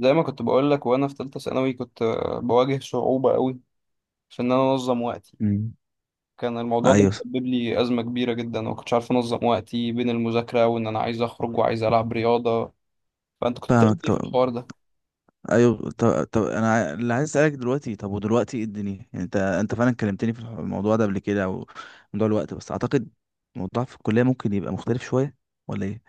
زي ما كنت بقول لك وانا في ثالثه ثانوي كنت بواجه صعوبه قوي في ان انا انظم وقتي. مم. كان الموضوع ده ايوه، مسبب لي ازمه كبيره جدا وما كنتش عارف انظم وقتي بين المذاكره وان انا عايز اخرج وعايز العب رياضه. فانت كنت بتعمل فاهمك. ايه في طب الحوار ده؟ ايوه، طب انا اللي عايز اسالك دلوقتي. طب ودلوقتي ايه الدنيا؟ يعني انت فعلا كلمتني في الموضوع ده قبل كده، او موضوع الوقت بس اعتقد. الموضوع في الكليه ممكن يبقى مختلف شويه، ولا ايه؟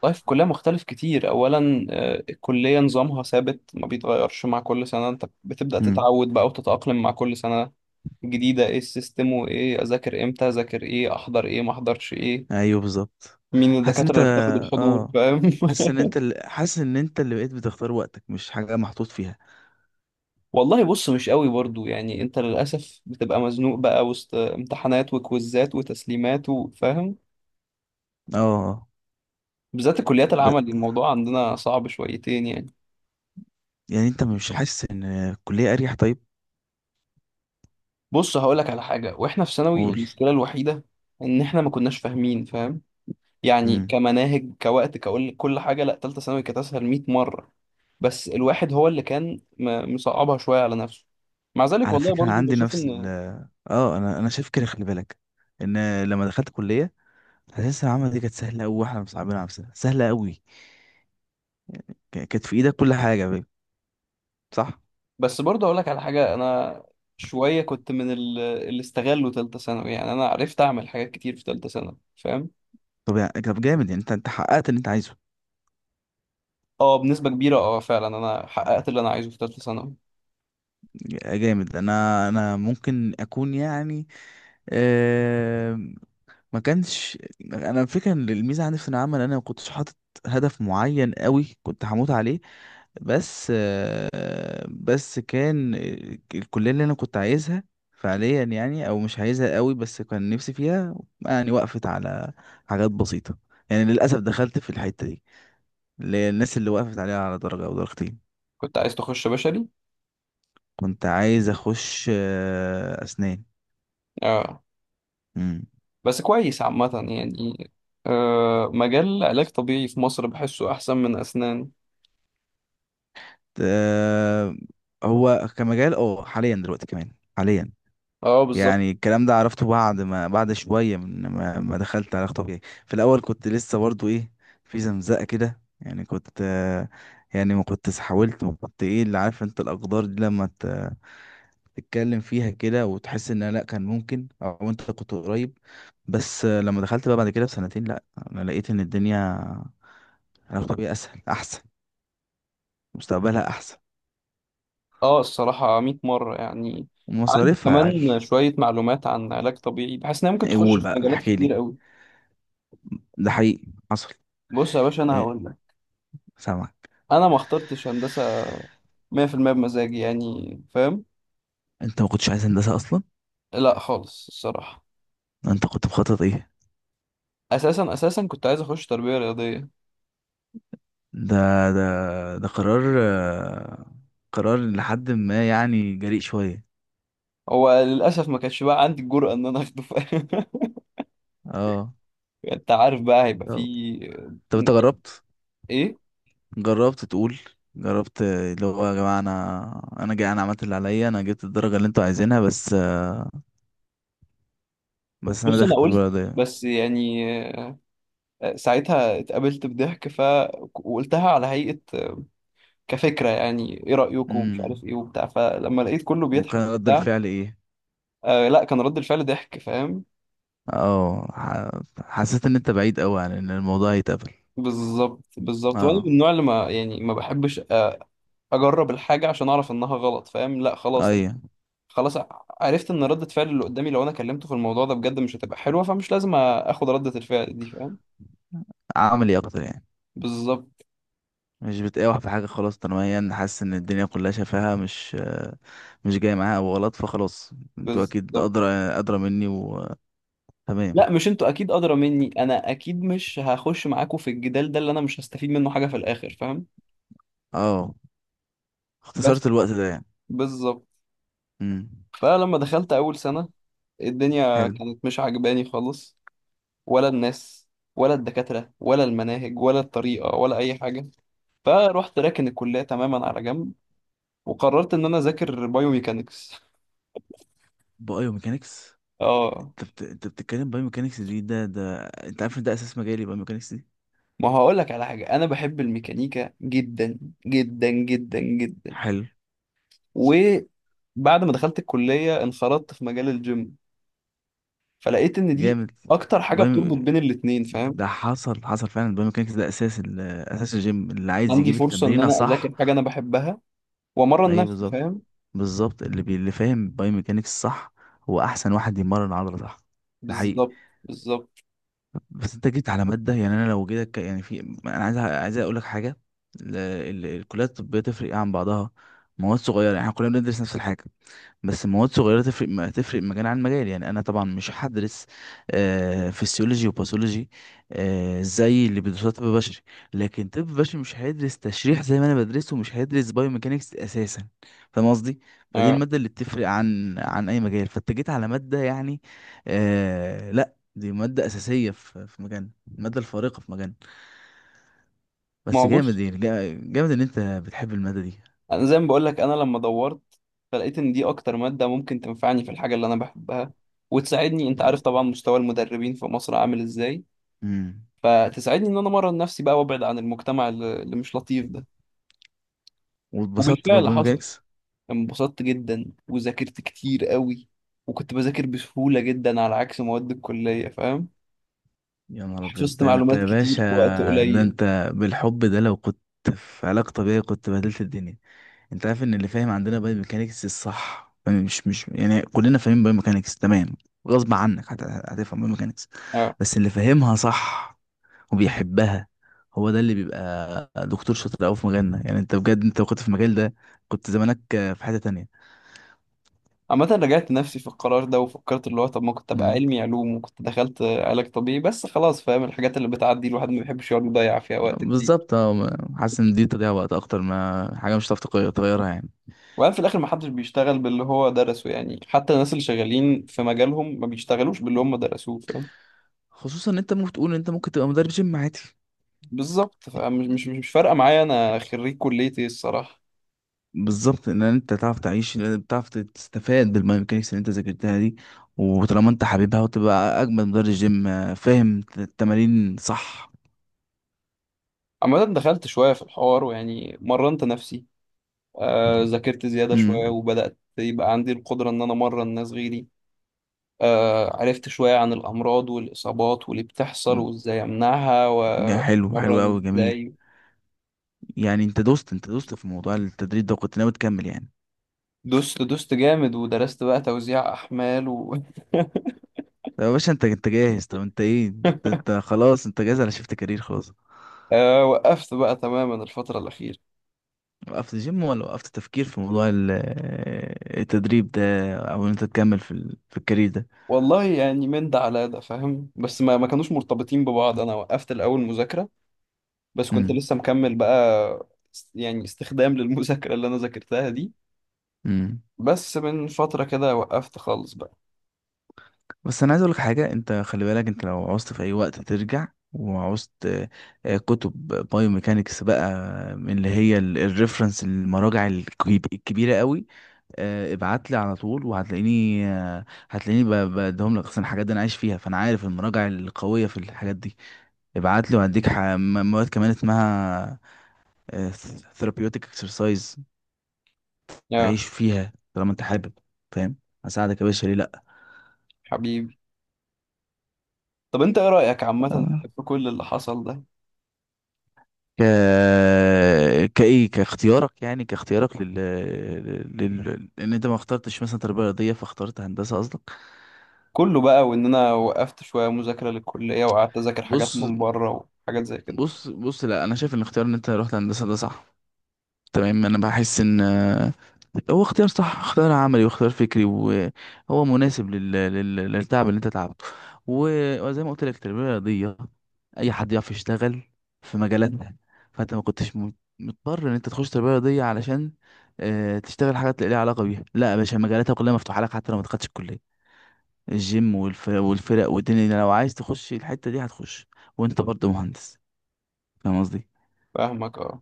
طيب في الكليه مختلف كتير، اولا الكليه نظامها ثابت ما بيتغيرش، مع كل سنه انت بتبدا امم. تتعود بقى وتتاقلم مع كل سنه جديده، ايه السيستم وايه اذاكر امتى اذاكر ايه احضر ايه ما احضرش ايه، ايوه بالظبط. مين حاسس ان انت الدكاتره اللي بتاخد الحضور، اه فاهم؟ حاسس ان انت اللي بقيت بتختار وقتك، مش حاجه محطوط فيها. والله بص مش قوي برضو، يعني انت للاسف بتبقى مزنوق بقى وسط امتحانات وكويزات وتسليمات وفاهم، اه. بالذات الكليات ب... العمل الموضوع عندنا صعب شويتين يعني. يعني انت مش حاسس ان الكليه اريح؟ طيب، بص هقولك على حاجه، واحنا في ثانوي قول. المشكله الوحيده ان احنا ما كناش فاهمين، فاهم؟ يعني كمناهج كوقت كقول كل حاجه، لا، تالتة ثانوي كانت اسهل 100 مره، بس الواحد هو اللي كان مصعبها شويه على نفسه. مع ذلك على والله فكرة أنا برضو عندي بشوف نفس ان اه أنا شايف كده. خلي بالك إن لما دخلت كلية، حاسس العمل دي كانت سهلة أوي وإحنا مصعبين على نفسنا سهلة أوي. كانت في إيدك كل حاجة بقى. صح؟ بس برضه اقول لك على حاجه، انا شويه كنت اللي استغلوا تالتة ثانوي، يعني انا عرفت اعمل حاجات كتير في تالتة ثانوي فاهم. طب يعني طب جامد يعني، أنت حققت اللي أنت عايزه. اه بنسبه كبيره، اه فعلا انا حققت اللي انا عايزه في تالتة ثانوي. جامد. أنا ممكن أكون يعني آه ما كانش. أنا الفكرة إن الميزة عندي في العمل، أنا ما كنتش حاطط هدف معين أوي كنت هموت عليه. بس كان الكلية اللي أنا كنت عايزها فعليا يعني، أو مش عايزها قوي بس كان نفسي فيها يعني. وقفت على حاجات بسيطة يعني. للأسف دخلت في الحتة دي، اللي هي الناس اللي وقفت عليها على درجة أو درجتين. كنت عايز تخش بشري. كنت عايز أخش أسنان. اه مم. بس كويس عامه يعني، آه مجال علاج طبيعي في مصر بحسه احسن من اسنان. آه، هو كمجال اه حاليا دلوقتي كمان، حاليا. اه بالظبط. يعني الكلام ده عرفته بعد ما، بعد شوية من ما دخلت علاقة طبيعية. في الأول كنت لسه برضو إيه، في زمزقة كده يعني. كنت يعني ما كنت حاولت، ما كنت إيه اللي، عارف أنت الأقدار دي لما تتكلم فيها كده وتحس إن لأ كان ممكن، أو أنت كنت قريب. بس آه، لما دخلت بقى بعد كده بسنتين، لأ، أنا لقيت إن الدنيا، علاقة طبيعية أسهل، أحسن، مستقبلها أحسن، اه الصراحه 100 مره يعني. عندي ومصاريفها أقل. كمان شويه معلومات عن علاج طبيعي، بحس انها ممكن إيه؟ تخش قول في بقى، مجالات كتير احكيلي. قوي. ده حقيقي حصل؟ بص يا باشا انا إيه؟ هقول، سامع. انا ما اخترتش هندسه 100% بمزاجي يعني فاهم. انت ما كنتش عايز هندسة اصلا. لا خالص الصراحه. انت كنت مخطط ايه؟ اساسا كنت عايز اخش تربيه رياضيه. ده ده ده قرار قرار لحد ما يعني جريء شوية. هو للاسف ما كانش بقى عندي الجرأه ان انا اخده فاهم. اه. انت عارف بقى هيبقى طب، في، طب انت يعني جربت؟ ايه. جربت تقول؟ جربت اللي هو يا جماعة انا، جاي، انا عملت اللي عليا، انا جبت الدرجة اللي انتوا عايزينها، بس انا بص انا داخل قلت، البلد دي. بس يعني ساعتها اتقابلت بضحك، ف وقلتها على هيئه، كفكره يعني ايه رايكم مش عارف امم. ايه وبتاع، فلما لقيت كله بيضحك وكان رد وبتاع. الفعل ايه؟ آه لا كان رد الفعل ضحك فاهم. اه، حسيت ان انت بعيد قوي عن ان الموضوع يتقبل. بالظبط بالظبط، وانا اه من النوع اللي ما يعني ما بحبش اجرب الحاجه عشان اعرف انها غلط فاهم. لا خلاص ايوه. خلاص، عرفت ان رده فعل اللي قدامي لو انا كلمته في الموضوع ده بجد مش هتبقى حلوه، فمش لازم اخد رده الفعل دي فاهم. عملي اكتر يعني. بالظبط مش بتقاوح في حاجة، خلاص تنميا، حاسس ان الدنيا كلها شفاها، مش جاي معاها أو غلط، فخلاص انتوا اكيد بالظبط. ادرى، ادرى مني. وتمام. لا مش انتوا اكيد ادرى مني، انا اكيد مش هخش معاكوا في الجدال ده اللي انا مش هستفيد منه حاجه في الاخر فاهم. اه، اختصرت بس الوقت ده يعني. بالظبط. امم. فلما دخلت اول سنه، الدنيا حلو. كانت مش عجباني خالص، ولا الناس ولا الدكاترة ولا المناهج ولا الطريقة ولا أي حاجة. فروحت راكن الكلية تماما على جنب، وقررت إن أنا أذاكر بايوميكانكس. بايوميكانكس؟ اه، انت بتتكلم بايوميكانكس دي؟ ده ده انت عارف ان ده اساس مجالي بايوميكانكس دي. ما هقول لك على حاجة، أنا بحب الميكانيكا جدا جدا جدا جدا. حلو. وبعد ما دخلت الكلية انخرطت في مجال الجيم، فلقيت إن دي جامد. أكتر حاجة بايو... بتربط بين الاتنين فاهم. ده حصل، حصل فعلا. البايوميكانكس ده اساس اساس الجيم اللي عايز عندي يجيب فرصة إن التمرينه أنا صح. أذاكر حاجة أنا بحبها وأمرن ايوه نفسي بالظبط. فاهم. بالظبط. اللي فاهم بايوميكانكس صح، هو احسن واحد يمرن عضله صح. ده حقيقي. بالظبط بالظبط. بس انت جيت على ماده، يعني انا لو جيتك يعني في، انا عايز، عايز اقول لك حاجه. الكليات الطبيه تفرق ايه عن بعضها؟ مواد صغيره. يعني احنا كلنا بندرس نفس الحاجه، بس مواد صغيرة تفرق، ما تفرق مجال عن مجال. يعني أنا طبعا مش هدرس فسيولوجي وباثولوجي، زي اللي بيدرسوها طب بشري، لكن طب بشري مش هيدرس تشريح زي ما أنا بدرسه، ومش هيدرس بايوميكانكس أساسا. فاهم قصدي؟ فدي اه المادة اللي بتفرق عن أي مجال، فأنت جيت على مادة يعني، لأ دي مادة أساسية في مجالنا. المادة الفارقة في مجالنا. ما بس هو جامد بص، يعني، جامد إن أنت بتحب المادة دي. انا زي ما بقول لك انا لما دورت فلقيت ان دي اكتر ماده ممكن تنفعني في الحاجه اللي انا بحبها وتساعدني، انت عارف طبعا مستوى المدربين في مصر عامل ازاي، امم. فتساعدني ان انا امرن نفسي بقى، وابعد عن المجتمع اللي مش لطيف ده. واتبسطت بقى وبالفعل حصل، بميكانكس. انبسطت جدا وذاكرت كتير قوي، وكنت بذاكر بسهوله جدا على عكس مواد الكليه فاهم. يا نهار ابيض، حفظت ده انت معلومات يا كتير باشا. في وقت ده قليل. انت، بالحب ده لو كنت في علاقة طبيعية كنت بهدلت الدنيا. انت عارف ان اللي فاهم عندنا باي ميكانيكس الصح فاهم؟ مش يعني كلنا فاهمين باي ميكانيكس تمام، غصب عنك هتفهم باي ميكانيكس. اه. بس اللي فاهمها صح وبيحبها، هو ده اللي بيبقى دكتور شاطر قوي في مجالنا. يعني انت بجد، انت لو كنت في المجال ده كنت زمانك في حتة تانية. عامة رجعت نفسي في القرار ده وفكرت اللي هو طب ما كنت ابقى مم. علمي علوم وكنت دخلت علاج طبيعي بس خلاص، فاهم الحاجات اللي بتعدي الواحد ما بيحبش يقعد يضيع فيها وقت كتير. بالظبط. اه، حاسس ان دي تضيع وقت اكتر ما حاجة مش هتعرف تغيرها يعني. وبعدين في الاخر ما حدش بيشتغل باللي هو درسه، يعني حتى الناس اللي شغالين في مجالهم ما بيشتغلوش باللي هم درسوه فاهم. خصوصا ان انت ممكن تقول ان انت ممكن تبقى مدرب جيم عادي. بالظبط، فمش مش مش مش فارقة معايا انا خريج كلية ايه الصراحة. بالظبط، ان انت تعرف تعيش، بتعرف تستفاد بالميكانيكس اللي انت ذاكرتها دي. وطالما انت حبيبها، وتبقى اجمد مدرب جيم، فاهم التمارين صح. عامة دخلت شوية في الحوار ويعني مرنت نفسي، ذاكرت زيادة امم. شوية وبدأت يبقى عندي القدرة ان انا امرن ناس غيري. عرفت شوية عن الأمراض والإصابات واللي بتحصل وإزاي أمنعها حلو، حلو قوي، وأتمرن جميل. إزاي. يعني انت دوست، انت دوست في موضوع التدريب ده وكنت ناوي تكمل يعني. دوست جامد ودرست بقى توزيع أحمال و... طب يا باشا انت، انت جاهز. طب انت ايه، انت, انت خلاص، انت جاهز على شيفت كارير خلاص. وقفت بقى تماما الفترة الأخيرة. وقفت جيم، ولا وقفت تفكير في موضوع التدريب ده، او ان انت تكمل في في الكارير ده؟ والله يعني من ده على ده فاهم، بس ما كانوش مرتبطين ببعض، أنا وقفت الأول مذاكرة، بس كنت امم. لسه مكمل بقى، يعني استخدام للمذاكرة اللي أنا ذاكرتها دي. إمم. بس من فترة كده وقفت خالص بقى. بس انا عايز اقولك حاجه، انت خلي بالك، انت لو عوزت في اي وقت ترجع، وعوزت كتب بايو ميكانيكس بقى، من اللي هي الريفرنس، المراجع الكبيره قوي، ابعت لي على طول، وهتلاقيني آه، هتلاقيني بديهم لك اصلا. الحاجات دي انا عايش فيها، فانا عارف المراجع القويه في الحاجات دي. ابعت لي وهديك مواد كمان اسمها ثيرابيوتيك اكسرسايز. يا تعيش فيها طالما انت حابب. فاهم. هساعدك يا باشا، ليه. حبيبي. طب أنت إيه رأيك عامة لا. في كل اللي حصل ده ك كايه، كاختيارك يعني، كاختيارك لان انت ما اخترتش مثلا تربيه رياضيه، فاخترت هندسه قصدك. كله بقى، وان انا وقفت شويه مذاكره للكليه وقعدت اذاكر حاجات بص، من بره وحاجات زي كده. بص، بص، لا انا شايف ان اختيار ان انت رحت هندسه ده صح، تمام. انا بحس ان هو اختيار صح، اختيار عملي واختيار فكري، وهو مناسب للتعب اللي انت تعبته. وزي ما قلت لك، التربيه الرياضيه اي حد يعرف يشتغل في مجالاتها. فانت ما كنتش مضطر ان انت تخش تربيه رياضيه علشان تشتغل حاجات ليها علاقه بيها. لا يا باشا، مجالاتها كلها مفتوحه لك حتى لو ما دخلتش الكليه. الجيم والفرق والدنيا، لو عايز تخش الحته دي هتخش، وانت برضه مهندس. فاهم قصدي؟ فاهمك اه.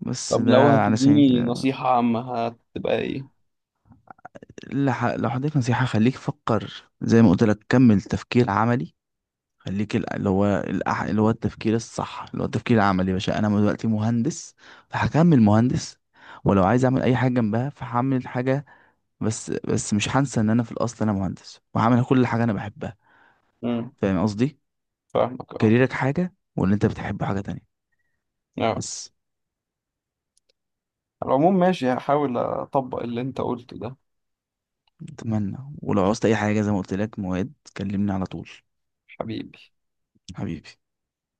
بس طب لو ده علشان هتديني كده. نصيحه عامه هتبقى ايه؟ لو حضرتك نصيحة، خليك فكر، زي ما قلت لك كمل تفكير عملي. خليك اللي هو اللي هو التفكير الصح، اللي هو التفكير العملي. يا باشا أنا دلوقتي مهندس، فهكمل مهندس. ولو عايز أعمل أي حاجة جنبها فهعمل حاجة. بس مش هنسى إن أنا في الأصل أنا مهندس، وهعمل كل حاجة أنا بحبها. امم. فاهم قصدي؟ فاهمك اه. كاريرك حاجة، واللي أنت بتحبه حاجة تانية. آه. بس. على العموم ماشي، هحاول اطبق اللي انت قلته ده. أتمنى، ولو عوزت أي حاجة زي ما قلت لك مواد، كلمني على طول. حبيبي. حبيبي.